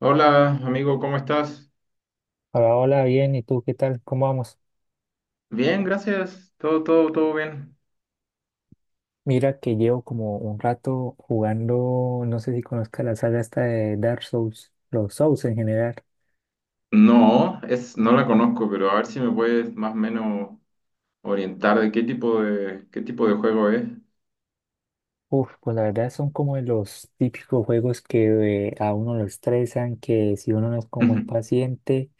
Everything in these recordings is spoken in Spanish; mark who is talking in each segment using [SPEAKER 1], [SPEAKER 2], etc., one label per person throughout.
[SPEAKER 1] Hola, amigo, ¿cómo estás?
[SPEAKER 2] Hola, hola, bien, ¿y tú qué tal? ¿Cómo vamos?
[SPEAKER 1] Bien, gracias. Todo bien.
[SPEAKER 2] Mira que llevo como un rato jugando, no sé si conozcas la saga esta de Dark Souls, los Souls en general.
[SPEAKER 1] No, es, no la conozco, pero a ver si me puedes más o menos orientar de qué tipo de juego es.
[SPEAKER 2] Uf, pues la verdad son como de los típicos juegos que a uno lo estresan, que si uno no es como muy paciente,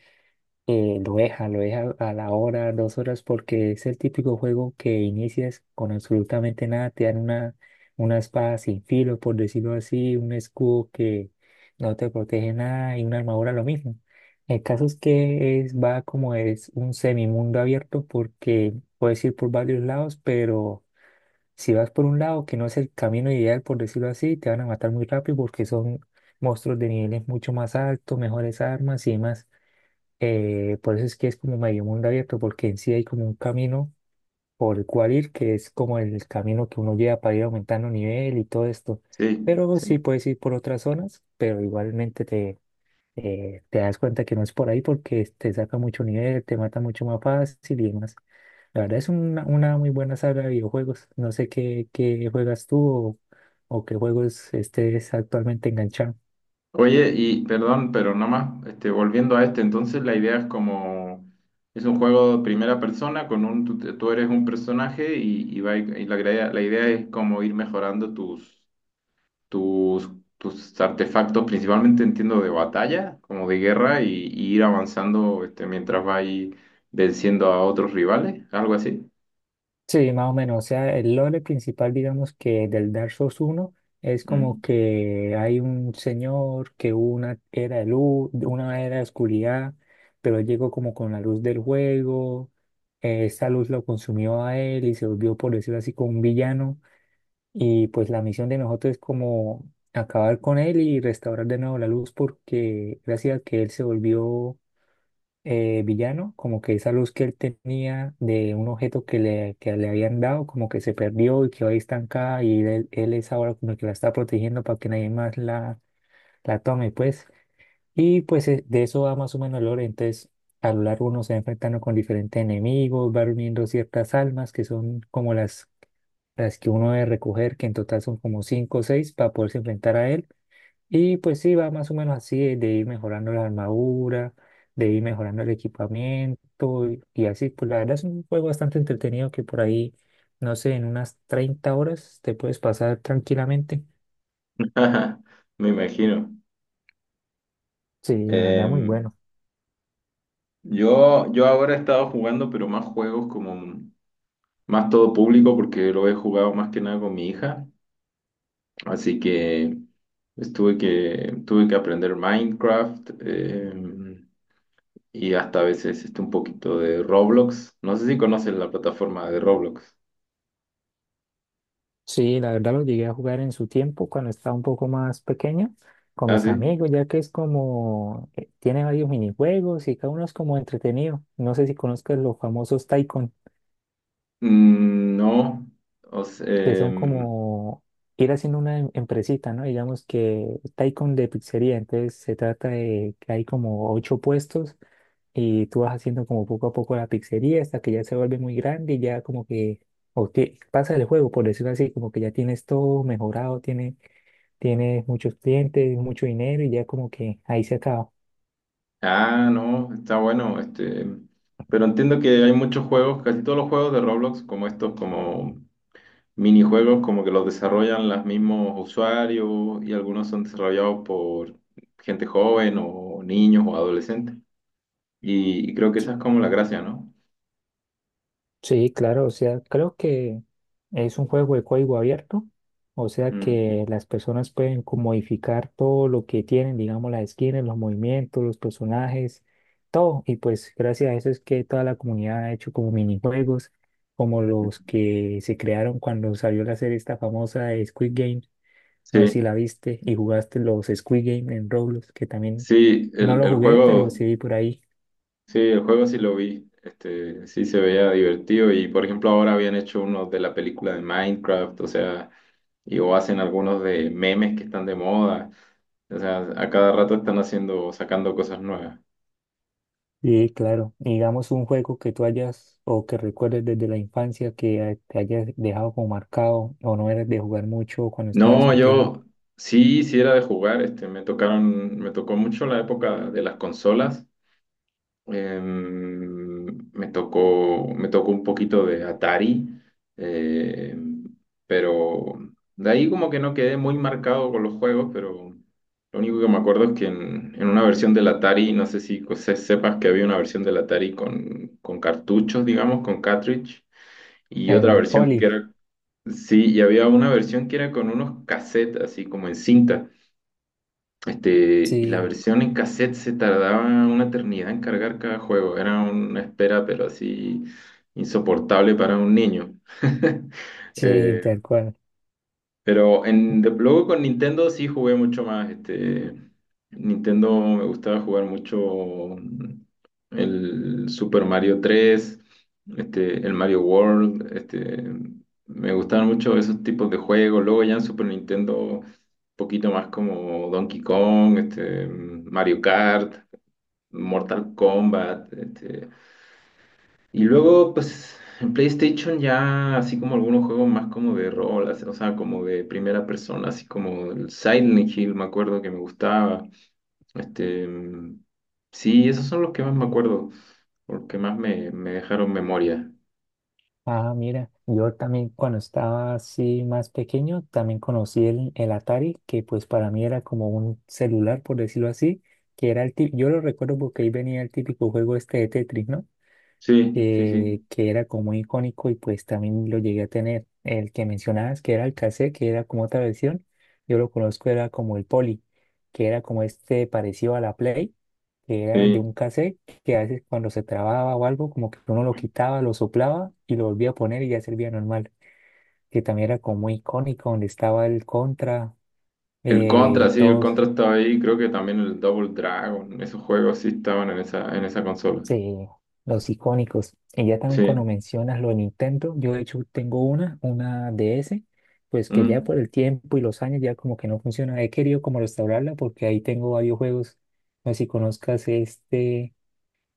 [SPEAKER 2] lo deja a la hora, 2 horas, porque es el típico juego que inicias con absolutamente nada, te dan una espada sin filo, por decirlo así, un escudo que no te protege nada y una armadura lo mismo. El caso es que es, va como es un semimundo abierto porque puedes ir por varios lados, pero si vas por un lado que no es el camino ideal, por decirlo así, te van a matar muy rápido porque son monstruos de niveles mucho más altos, mejores armas y demás. Por eso es que es como medio mundo abierto, porque en sí hay como un camino por el cual ir, que es como el camino que uno lleva para ir aumentando nivel y todo esto.
[SPEAKER 1] Sí,
[SPEAKER 2] Pero sí
[SPEAKER 1] sí.
[SPEAKER 2] puedes ir por otras zonas, pero igualmente te das cuenta que no es por ahí porque te saca mucho nivel, te mata mucho más fácil y demás. La verdad es una muy buena saga de videojuegos. No sé qué juegas tú o qué juegos estés actualmente enganchado.
[SPEAKER 1] Oye, y perdón, pero nada más, volviendo a este, entonces la idea es como, es un juego de primera persona con un, tú eres un personaje y la idea es como ir mejorando tus, tus artefactos, principalmente entiendo de batalla, como de guerra, y ir avanzando este, mientras va ahí venciendo a otros rivales, algo así.
[SPEAKER 2] Sí, más o menos. O sea, el lore principal, digamos que del Dark Souls uno, es como
[SPEAKER 1] Mm.
[SPEAKER 2] que hay un señor que hubo una era de luz, una era de oscuridad, pero él llegó como con la luz del juego. Esta luz lo consumió a él y se volvió, por decirlo así, como un villano. Y pues la misión de nosotros es como acabar con él y restaurar de nuevo la luz porque gracias a que él se volvió villano, como que esa luz que él tenía de un objeto que le habían dado, como que se perdió y quedó ahí estancada y él es ahora como el que la está protegiendo para que nadie más la tome, pues. Y pues de eso va más o menos el lore, entonces a lo largo uno se va enfrentando con diferentes enemigos, va reuniendo ciertas almas que son como las que uno debe recoger, que en total son como 5 o 6 para poderse enfrentar a él y pues sí, va más o menos así, de ir mejorando la armadura, de ir mejorando el equipamiento y así. Pues la verdad es un juego bastante entretenido que por ahí, no sé, en unas 30 horas te puedes pasar tranquilamente.
[SPEAKER 1] Me imagino.
[SPEAKER 2] Sí, la verdad muy
[SPEAKER 1] Eh,
[SPEAKER 2] bueno.
[SPEAKER 1] yo ahora he estado jugando, pero más juegos como más todo público, porque lo he jugado más que nada con mi hija, así que pues, tuve que aprender Minecraft. Y hasta a veces este, un poquito de Roblox. No sé si conoces la plataforma de Roblox.
[SPEAKER 2] Sí, la verdad lo llegué a jugar en su tiempo cuando estaba un poco más pequeño con
[SPEAKER 1] Ah,
[SPEAKER 2] mis
[SPEAKER 1] sí.
[SPEAKER 2] amigos, ya que es como, tiene varios minijuegos y cada uno es como entretenido. No sé si conozcas los famosos Tycoon.
[SPEAKER 1] Mm, no. O
[SPEAKER 2] Que
[SPEAKER 1] se-
[SPEAKER 2] son
[SPEAKER 1] em,
[SPEAKER 2] como ir haciendo una empresita, ¿no? Digamos que Taikon de pizzería, entonces se trata de que hay como 8 puestos y tú vas haciendo como poco a poco la pizzería hasta que ya se vuelve muy grande y ya como que o que pasa el juego, por decirlo así, como que ya tienes todo mejorado, tiene, tienes muchos clientes, mucho dinero y ya como que ahí se acaba.
[SPEAKER 1] ah, no, está bueno. Este, pero entiendo que hay muchos juegos, casi todos los juegos de Roblox, como estos, como minijuegos, como que los desarrollan los mismos usuarios y algunos son desarrollados por gente joven o niños o adolescentes. Y creo que esa es como la gracia, ¿no?
[SPEAKER 2] Sí, claro, o sea, creo que es un juego de código abierto, o sea
[SPEAKER 1] Mm.
[SPEAKER 2] que las personas pueden como modificar todo lo que tienen, digamos, las skins, los movimientos, los personajes, todo. Y pues gracias a eso es que toda la comunidad ha hecho como minijuegos, como los que se crearon cuando salió la serie esta famosa de Squid Game, no sé si
[SPEAKER 1] Sí,
[SPEAKER 2] la viste y jugaste los Squid Game en Roblox, que también
[SPEAKER 1] sí,
[SPEAKER 2] no lo
[SPEAKER 1] el
[SPEAKER 2] jugué, pero
[SPEAKER 1] juego.
[SPEAKER 2] sí vi por ahí.
[SPEAKER 1] Sí, el juego sí lo vi. Este, sí se veía divertido y por ejemplo ahora habían hecho unos de la película de Minecraft, o sea, y o hacen algunos de memes que están de moda. O sea, a cada rato están haciendo, sacando cosas nuevas.
[SPEAKER 2] Sí, claro. Digamos un juego que tú hayas o que recuerdes desde la infancia que te hayas dejado como marcado o no eras de jugar mucho cuando estabas
[SPEAKER 1] No,
[SPEAKER 2] pequeño.
[SPEAKER 1] yo sí, sí era de jugar, este, me tocó mucho la época de las consolas. Em, me tocó un poquito de Atari, eh, pero de ahí como que no quedé muy marcado con los juegos, pero lo único que me acuerdo es que en una versión del Atari, no sé si sepas que había una versión del Atari con cartuchos, digamos, con cartridge, y otra
[SPEAKER 2] El
[SPEAKER 1] versión que
[SPEAKER 2] poli.
[SPEAKER 1] era, sí, y había una versión que era con unos cassettes, así como en cinta. Este, y la
[SPEAKER 2] Sí,
[SPEAKER 1] versión en cassette se tardaba una eternidad en cargar cada juego. Era una espera, pero así insoportable para un niño.
[SPEAKER 2] sí,
[SPEAKER 1] Eh,
[SPEAKER 2] tal cual.
[SPEAKER 1] pero luego con Nintendo sí jugué mucho más. Este, Nintendo me gustaba jugar mucho mm, el Super Mario 3 este, el Mario World. Este, me gustaban mucho esos tipos de juegos. Luego ya en Super Nintendo, un poquito más como Donkey Kong, este, Mario Kart, Mortal Kombat. Este, y luego, pues, en PlayStation ya así como algunos juegos más como de rol, así, o sea, como de primera persona, así como el Silent Hill, me acuerdo que me gustaba. Este, mm, sí, esos son los que más me acuerdo, porque más me dejaron memoria.
[SPEAKER 2] Ah, mira, yo también cuando estaba así más pequeño también conocí el Atari, que pues para mí era como un celular, por decirlo así, que era el típico, yo lo recuerdo porque ahí venía el típico juego este de Tetris, ¿no?
[SPEAKER 1] Sí, sí,
[SPEAKER 2] que,
[SPEAKER 1] sí,
[SPEAKER 2] que era como muy icónico y pues también lo llegué a tener. El que mencionabas, que era el cassette, que era como otra versión, yo lo conozco, era como el Poly, que era como este parecido a la Play, que era de
[SPEAKER 1] sí.
[SPEAKER 2] un cassette que a veces cuando se trababa o algo, como que uno lo quitaba, lo soplaba y lo volvía a poner y ya servía normal, que también era como muy icónico, donde estaba el Contra
[SPEAKER 1] El Contra,
[SPEAKER 2] y
[SPEAKER 1] sí, el
[SPEAKER 2] todos.
[SPEAKER 1] Contra estaba ahí, creo que también el Double Dragon, esos juegos sí estaban en esa consola.
[SPEAKER 2] Sí, los icónicos. Y ya también cuando
[SPEAKER 1] Sí,
[SPEAKER 2] mencionas lo de Nintendo, yo de hecho tengo una DS, pues que ya
[SPEAKER 1] mm.
[SPEAKER 2] por el tiempo y los años ya como que no funciona. He querido como restaurarla porque ahí tengo varios juegos. No sé si conozcas este,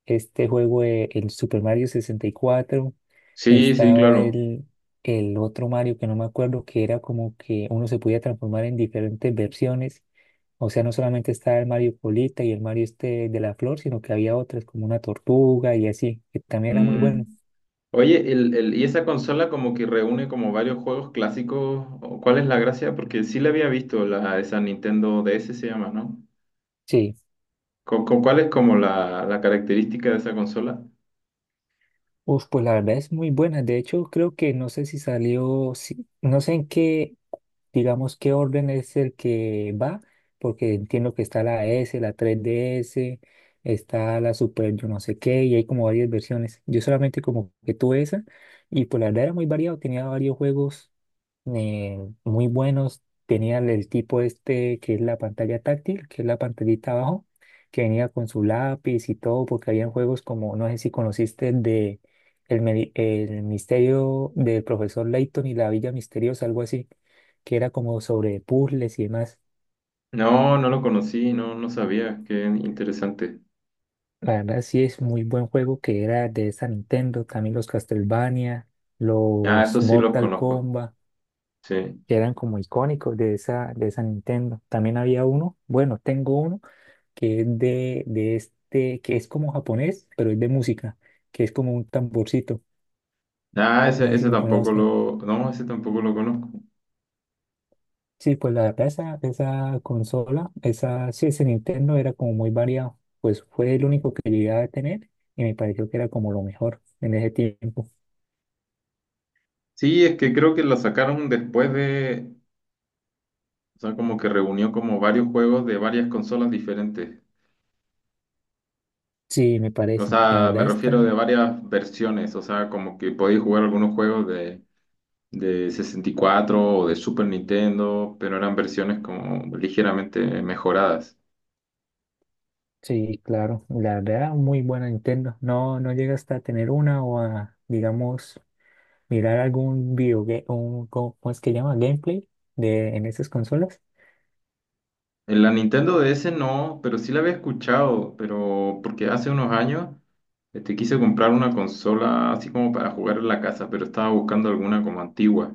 [SPEAKER 2] este juego, el Super Mario 64.
[SPEAKER 1] Sí, sí,
[SPEAKER 2] Estaba
[SPEAKER 1] claro.
[SPEAKER 2] el otro Mario que no me acuerdo, que era como que uno se podía transformar en diferentes versiones, o sea, no solamente estaba el Mario Polita y el Mario este de la flor, sino que había otras como una tortuga y así, que también era muy bueno.
[SPEAKER 1] Mm. Oye, y esa consola como que reúne como varios juegos clásicos. ¿O ¿cuál es la gracia? Porque sí la había visto, la, esa Nintendo DS se llama, ¿no?
[SPEAKER 2] Sí.
[SPEAKER 1] Con cuál es como la característica de esa consola?
[SPEAKER 2] Uf, pues la verdad es muy buena. De hecho, creo que no sé si salió, no sé en qué, digamos, qué orden es el que va, porque entiendo que está la S, la 3DS, está la Super, yo no sé qué, y hay como varias versiones. Yo solamente como que tuve esa, y pues la verdad era muy variado, tenía varios juegos eh, muy buenos. Tenían el tipo este que es la pantalla táctil, que es la pantallita abajo, que venía con su lápiz y todo, porque habían juegos como, no sé si conociste, de el, el misterio del profesor Layton y la Villa Misteriosa, algo así, que era como sobre puzzles y demás.
[SPEAKER 1] No, no lo conocí, no, no sabía. Qué interesante.
[SPEAKER 2] La verdad sí es muy buen juego que era de esa Nintendo, también los Castlevania,
[SPEAKER 1] Ah,
[SPEAKER 2] los
[SPEAKER 1] eso sí los
[SPEAKER 2] Mortal
[SPEAKER 1] conozco.
[SPEAKER 2] Kombat
[SPEAKER 1] Sí.
[SPEAKER 2] que eran como icónicos de esa Nintendo. También había uno, bueno, tengo uno que es de este, que es como japonés, pero es de música, que es como un tamborcito.
[SPEAKER 1] Ah,
[SPEAKER 2] No sé si
[SPEAKER 1] ese
[SPEAKER 2] lo
[SPEAKER 1] tampoco
[SPEAKER 2] conozcan.
[SPEAKER 1] lo. No, ese tampoco lo conozco.
[SPEAKER 2] Sí, pues la verdad, esa consola, esa, sí, ese Nintendo era como muy variado. Pues fue el único que llegué a tener y me pareció que era como lo mejor en ese tiempo.
[SPEAKER 1] Sí, es que creo que la sacaron después de. O sea, como que reunió como varios juegos de varias consolas diferentes.
[SPEAKER 2] Sí, me
[SPEAKER 1] O
[SPEAKER 2] parece. La
[SPEAKER 1] sea, me
[SPEAKER 2] verdad
[SPEAKER 1] refiero
[SPEAKER 2] está,
[SPEAKER 1] de varias versiones, o sea, como que podéis jugar algunos juegos de 64 o de Super Nintendo, pero eran versiones como ligeramente mejoradas.
[SPEAKER 2] sí, claro. La verdad, muy buena Nintendo. No llega hasta tener una o a, digamos, mirar algún video, un, ¿cómo es que llama? Gameplay de, en esas consolas.
[SPEAKER 1] En la Nintendo DS no, pero sí la había escuchado, pero porque hace unos años este, quise comprar una consola así como para jugar en la casa, pero estaba buscando alguna como antigua.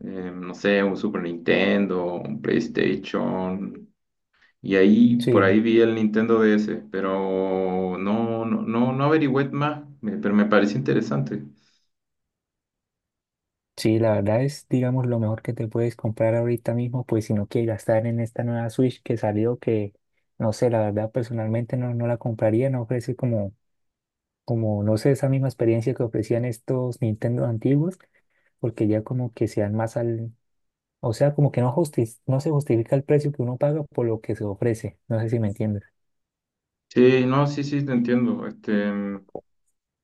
[SPEAKER 1] No sé, un Super Nintendo, un PlayStation. Y ahí, por
[SPEAKER 2] Sí,
[SPEAKER 1] ahí vi el Nintendo DS, pero no, no averigüé más, me- pero me pareció interesante.
[SPEAKER 2] sí, la verdad es, digamos, lo mejor que te puedes comprar ahorita mismo, pues si no quieres gastar en esta nueva Switch que salió, que no sé, la verdad personalmente no la compraría, no ofrece como, no sé, esa misma experiencia que ofrecían estos Nintendo antiguos, porque ya como que se dan más al, o sea, como que no no se justifica el precio que uno paga por lo que se ofrece, no sé si me entiendes.
[SPEAKER 1] Sí, no, sí, sí, te entiendo. Este,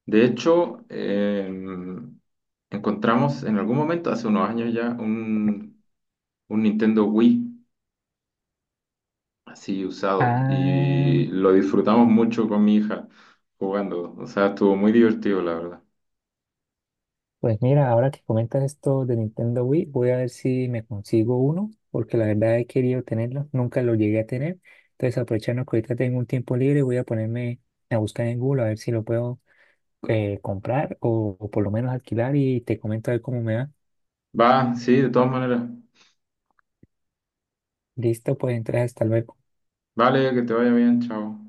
[SPEAKER 1] de hecho, em, encontramos en algún momento, hace unos años ya, un Nintendo Wii así usado
[SPEAKER 2] Ah.
[SPEAKER 1] y lo disfrutamos mucho con mi hija jugando. O sea, estuvo muy divertido, la verdad.
[SPEAKER 2] Pues mira, ahora que comentas esto de Nintendo Wii, voy a ver si me consigo uno, porque la verdad he querido tenerlo, nunca lo llegué a tener. Entonces, aprovechando que ahorita tengo un tiempo libre, voy a ponerme a buscar en Google a ver si lo puedo comprar o por lo menos alquilar y te comento a ver cómo me va.
[SPEAKER 1] Va, sí, de todas maneras.
[SPEAKER 2] Listo, pues entonces hasta luego.
[SPEAKER 1] Vale, que te vaya bien, chao.